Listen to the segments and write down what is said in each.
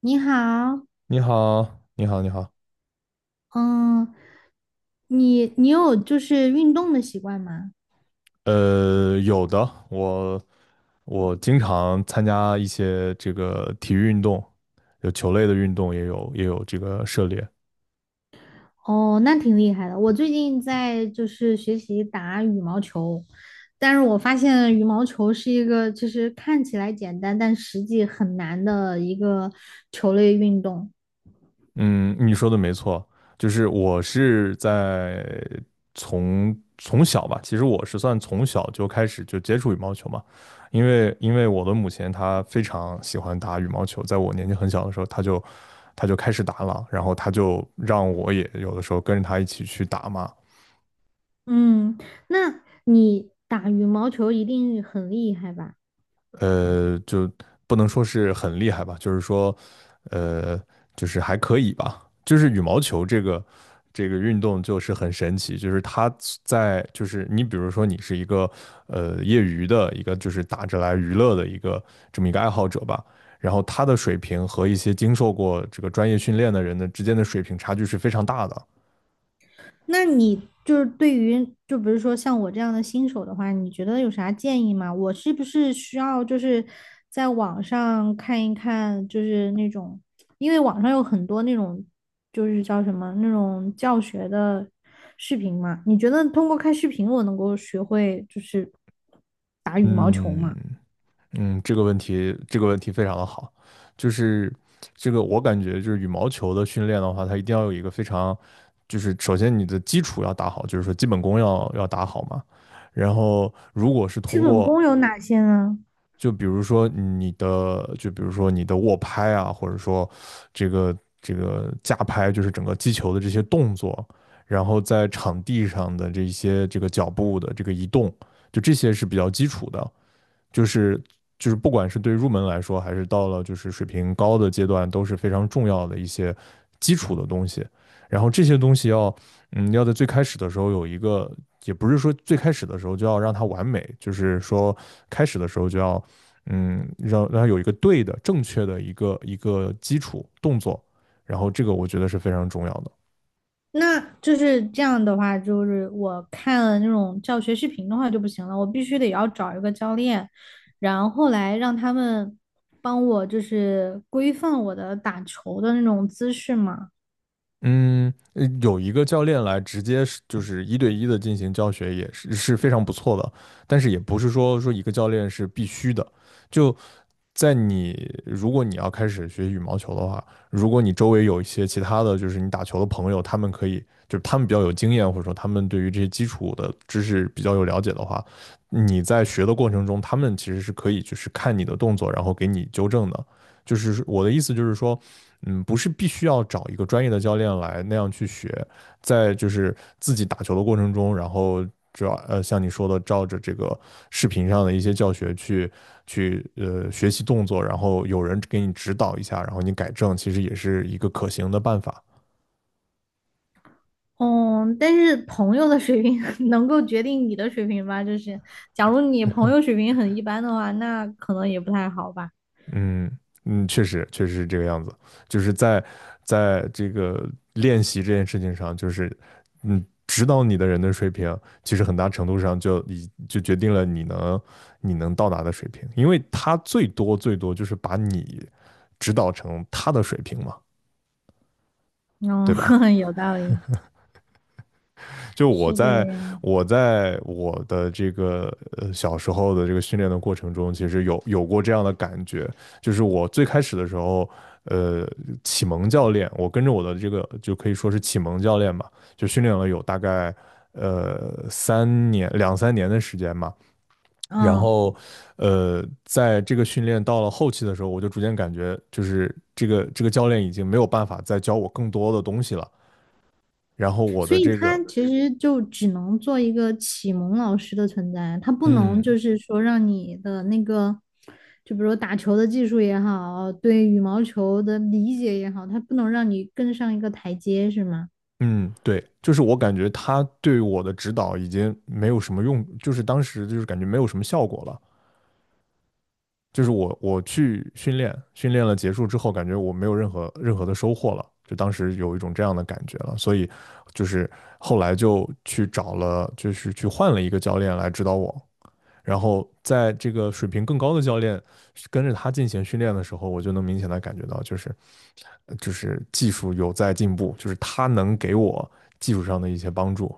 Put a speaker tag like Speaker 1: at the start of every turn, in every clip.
Speaker 1: 你好。
Speaker 2: 你好，你好，你好。
Speaker 1: 嗯，你有就是运动的习惯吗？
Speaker 2: 有的，我经常参加一些这个体育运动，有球类的运动，也有这个涉猎。
Speaker 1: 哦，那挺厉害的。我最近在就是学习打羽毛球，但是我发现羽毛球是一个就是看起来简单，但实际很难的一个球类运动。
Speaker 2: 嗯，你说的没错，就是我是在从小吧，其实我是算从小就开始就接触羽毛球嘛，因为我的母亲她非常喜欢打羽毛球，在我年纪很小的时候，她就开始打了，然后她就让我也有的时候跟着她一起去打嘛。
Speaker 1: 嗯，那你打羽毛球一定很厉害吧？
Speaker 2: 就不能说是很厉害吧，就是说，呃，就是还可以吧。就是羽毛球这个运动就是很神奇，就是它在就是你比如说你是一个业余的一个就是打着来娱乐的一个这么一个爱好者吧，然后他的水平和一些经受过这个专业训练的人的之间的水平差距是非常大的。
Speaker 1: 那你就是对于，就比如说像我这样的新手的话，你觉得有啥建议吗？我是不是需要就是在网上看一看，就是那种，因为网上有很多那种，就是叫什么那种教学的视频嘛？你觉得通过看视频，我能够学会就是
Speaker 2: 嗯，嗯，这个问题非常的好，就是这个我感觉就是羽毛球的训练的话，它一定要有一个非常，就是首先你的基础要打好，就是说基本功要打好嘛。然后如果是
Speaker 1: 基
Speaker 2: 通
Speaker 1: 本
Speaker 2: 过，
Speaker 1: 功有哪些呢？
Speaker 2: 就比如说你的握拍啊，或者说这个架拍，就是整个击球的这些动作，然后在场地上的这一些这个脚步的这个移动，就这些是比较基础的。就是就是不管是对入门来说，还是到了就是水平高的阶段，都是非常重要的一些基础的东西。然后这些东西要，要在最开始的时候有一个，也不是说最开始的时候就要让它完美，就是说开始的时候就要，让它有一个对的、正确的一个基础动作。然后这个我觉得是非常重要的。
Speaker 1: 那就是这样的话，就是我看了那种教学视频的话就不行了，我必须得要找一个教练，然后来让他们帮我就是规范我的打球的那种姿势嘛。
Speaker 2: 嗯，有一个教练来直接是就是一对一的进行教学也是非常不错的，但是也不是说一个教练是必须的。就在你如果你要开始学羽毛球的话，如果你周围有一些其他的就是你打球的朋友，他们可以就是他们比较有经验，或者说他们对于这些基础的知识比较有了解的话，你在学的过程中，他们其实是可以就是看你的动作，然后给你纠正的。就是我的意思就是说。嗯，不是必须要找一个专业的教练来那样去学，在就是自己打球的过程中，然后主要像你说的，照着这个视频上的一些教学去学习动作，然后有人给你指导一下，然后你改正，其实也是一个可行的办法。
Speaker 1: 嗯，但是朋友的水平 能够决定你的水平吧？就是假如你朋友水平很一般的话，那可能也不太好吧。
Speaker 2: 嗯嗯，确实是这个样子，就是在这个练习这件事情上，就是指导你的人的水平，其实很大程度上就决定了你能到达的水平，因为他最多最多就是把你指导成他的水平嘛，
Speaker 1: 嗯，
Speaker 2: 对吧？
Speaker 1: 有道理，
Speaker 2: 就
Speaker 1: 是这个样的。
Speaker 2: 我的这个小时候的这个训练的过程中，其实有过这样的感觉，就是我最开始的时候，呃，启蒙教练，我跟着我的这个就可以说是启蒙教练吧，就训练了有大概呃三年两三年的时间嘛，然
Speaker 1: 嗯。
Speaker 2: 后，在这个训练到了后期的时候，我就逐渐感觉就是这个教练已经没有办法再教我更多的东西了，然后我
Speaker 1: 所
Speaker 2: 的
Speaker 1: 以
Speaker 2: 这
Speaker 1: 他
Speaker 2: 个
Speaker 1: 其实就只能做一个启蒙老师的存在，他不能
Speaker 2: 嗯。
Speaker 1: 就是说让你的那个，就比如打球的技术也好，对羽毛球的理解也好，他不能让你更上一个台阶，是吗？
Speaker 2: 嗯，对，就是我感觉他对我的指导已经没有什么用，就是当时就是感觉没有什么效果了。就是我去训练，训练了结束之后，感觉我没有任何的收获了，就当时有一种这样的感觉了。所以就是后来就去找了，就是去换了一个教练来指导我。然后在这个水平更高的教练跟着他进行训练的时候，我就能明显的感觉到，就是技术有在进步，就是他能给我技术上的一些帮助。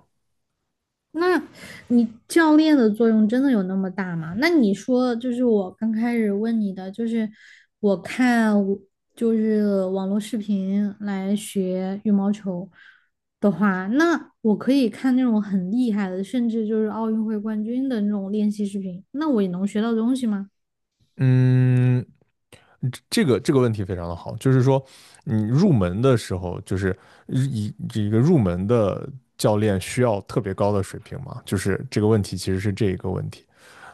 Speaker 1: 那你教练的作用真的有那么大吗？那你说，就是我刚开始问你的，就是我看就是网络视频来学羽毛球的话，那我可以看那种很厉害的，甚至就是奥运会冠军的那种练习视频，那我也能学到东西吗？
Speaker 2: 嗯，这个问题非常的好，就是说，你入门的时候，就是一一个入门的教练需要特别高的水平吗？就是这个问题其实是这一个问题。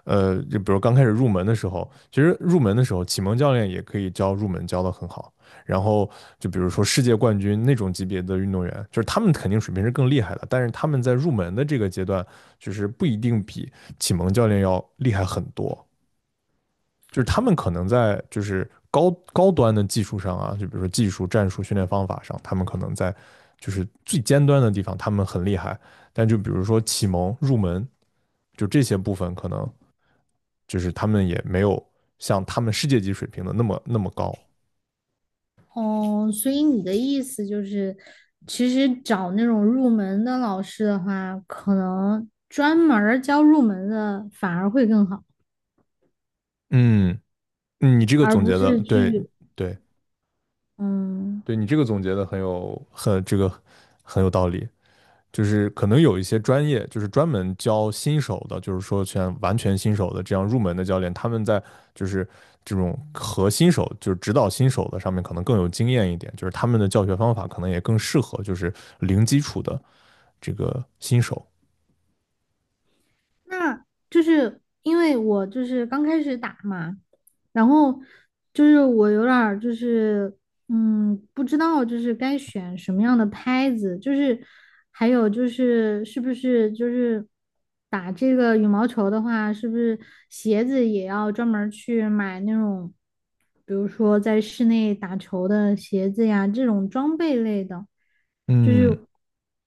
Speaker 2: 就比如刚开始入门的时候，其实入门的时候，启蒙教练也可以教入门教得很好。然后就比如说世界冠军那种级别的运动员，就是他们肯定水平是更厉害的，但是他们在入门的这个阶段，就是不一定比启蒙教练要厉害很多。就是他们可能在就是高端的技术上啊，就比如说技术、战术、训练方法上，他们可能在就是最尖端的地方他们很厉害，但就比如说启蒙、入门，就这些部分可能就是他们也没有像他们世界级水平的那么那么高。
Speaker 1: 哦，所以你的意思就是，其实找那种入门的老师的话，可能专门儿教入门的反而会更好。
Speaker 2: 嗯，你这个
Speaker 1: 而
Speaker 2: 总
Speaker 1: 不
Speaker 2: 结的，
Speaker 1: 是
Speaker 2: 对
Speaker 1: 去，
Speaker 2: 对
Speaker 1: 嗯，
Speaker 2: 对，你这个总结的很有很这个很有道理。就是可能有一些专业，就是专门教新手的，就是说完全新手的这样入门的教练，他们在就是这种和新手，就是指导新手的上面可能更有经验一点，就是他们的教学方法可能也更适合就是零基础的这个新手。
Speaker 1: 那就是因为我就是刚开始打嘛，然后就是我有点儿就是嗯，不知道就是该选什么样的拍子，就是还有就是是不是就是打这个羽毛球的话，是不是鞋子也要专门儿去买那种，比如说在室内打球的鞋子呀，这种装备类的，就
Speaker 2: 嗯，
Speaker 1: 是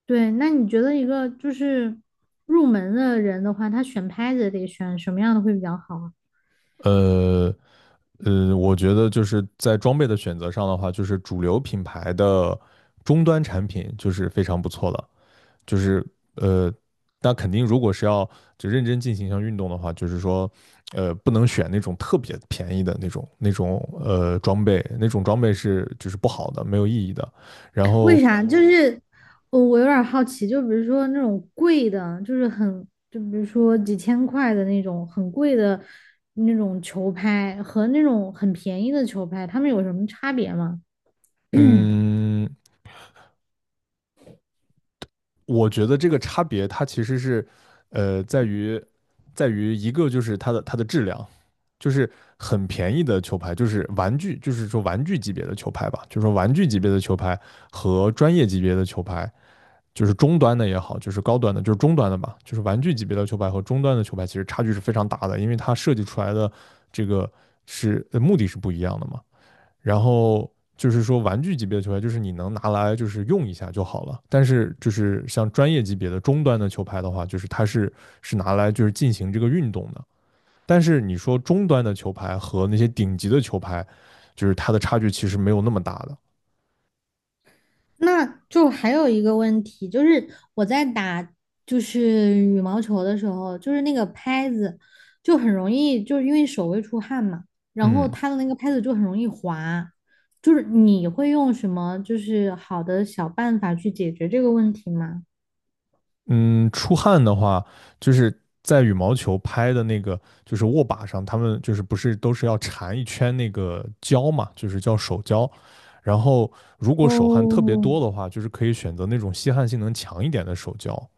Speaker 1: 对。那你觉得一个就是入门的人的话，他选拍子得选什么样的会比较好啊？
Speaker 2: 呃我觉得就是在装备的选择上的话，就是主流品牌的终端产品就是非常不错的。就是呃，那肯定如果是要就认真进行一项运动的话，就是说不能选那种特别便宜的那种装备，那种装备是就是不好的，没有意义的。然
Speaker 1: 为
Speaker 2: 后
Speaker 1: 啥？就是我有点儿好奇，就比如说那种贵的，就是很，就比如说几千块的那种很贵的那种球拍和那种很便宜的球拍，它们有什么差别吗？
Speaker 2: 嗯，我觉得这个差别它其实是在于一个就是它的质量。就是很便宜的球拍，就是玩具，就是说玩具级别的球拍吧，就是说玩具级别的球拍和专业级别的球拍，就是中端的也好，就是高端的，就是中端的吧，就是玩具级别的球拍和中端的球拍其实差距是非常大的，因为它设计出来的这个是目的是不一样的嘛。然后就是说玩具级别的球拍，就是你能拿来就是用一下就好了。但是就是像专业级别的中端的球拍的话，就是它是拿来就是进行这个运动的。但是你说中端的球拍和那些顶级的球拍，就是它的差距其实没有那么大的。
Speaker 1: 那就还有一个问题，就是我在打就是羽毛球的时候，就是那个拍子就很容易，就是因为手会出汗嘛，然后
Speaker 2: 嗯，
Speaker 1: 它的那个拍子就很容易滑。就是你会用什么就是好的小办法去解决这个问题吗？
Speaker 2: 嗯，出汗的话，就是在羽毛球拍的那个，就是握把上，他们就是不是都是要缠一圈那个胶嘛，就是叫手胶。然后如果手汗特别
Speaker 1: 哦，
Speaker 2: 多的话，就是可以选择那种吸汗性能强一点的手胶，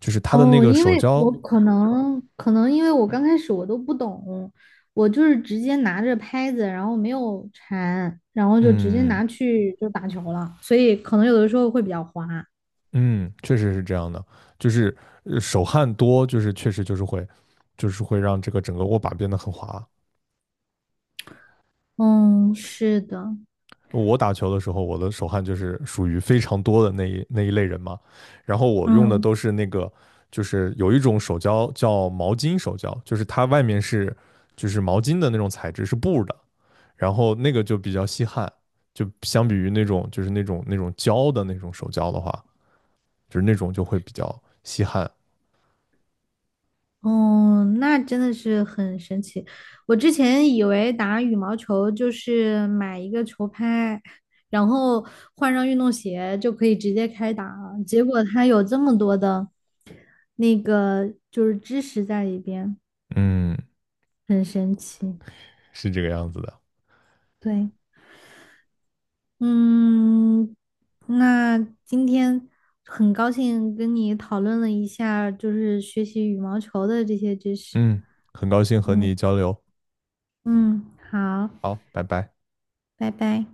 Speaker 2: 就是它的那
Speaker 1: 哦，
Speaker 2: 个
Speaker 1: 因为
Speaker 2: 手
Speaker 1: 我
Speaker 2: 胶，
Speaker 1: 可能因为我刚开始我都不懂，我就是直接拿着拍子，然后没有缠，然后就直接
Speaker 2: 嗯
Speaker 1: 拿去就打球了，所以可能有的时候会比较滑。
Speaker 2: 嗯，确实是这样的，就是手汗多，就是确实就是会，就是会让这个整个握把变得很滑。
Speaker 1: 嗯，是的，
Speaker 2: 我打球的时候，我的手汗就是属于非常多的那一类人嘛。然后我用的
Speaker 1: 嗯。
Speaker 2: 都是那个，就是有一种手胶叫毛巾手胶，就是它外面是就是毛巾的那种材质，是布的，然后那个就比较吸汗，就相比于那种就是那种胶的那种手胶的话，就是那种就会比较吸汗。
Speaker 1: 哦，那真的是很神奇。我之前以为打羽毛球就是买一个球拍，然后换上运动鞋就可以直接开打了，结果它有这么多的那个就是知识在里边，
Speaker 2: 嗯，
Speaker 1: 很神奇。
Speaker 2: 是这个样子的。
Speaker 1: 对。嗯，那今天很高兴跟你讨论了一下，就是学习羽毛球的这些知识。
Speaker 2: 嗯，很高兴和
Speaker 1: 嗯
Speaker 2: 你交流。
Speaker 1: 嗯，好，
Speaker 2: 好，拜拜。
Speaker 1: 拜拜。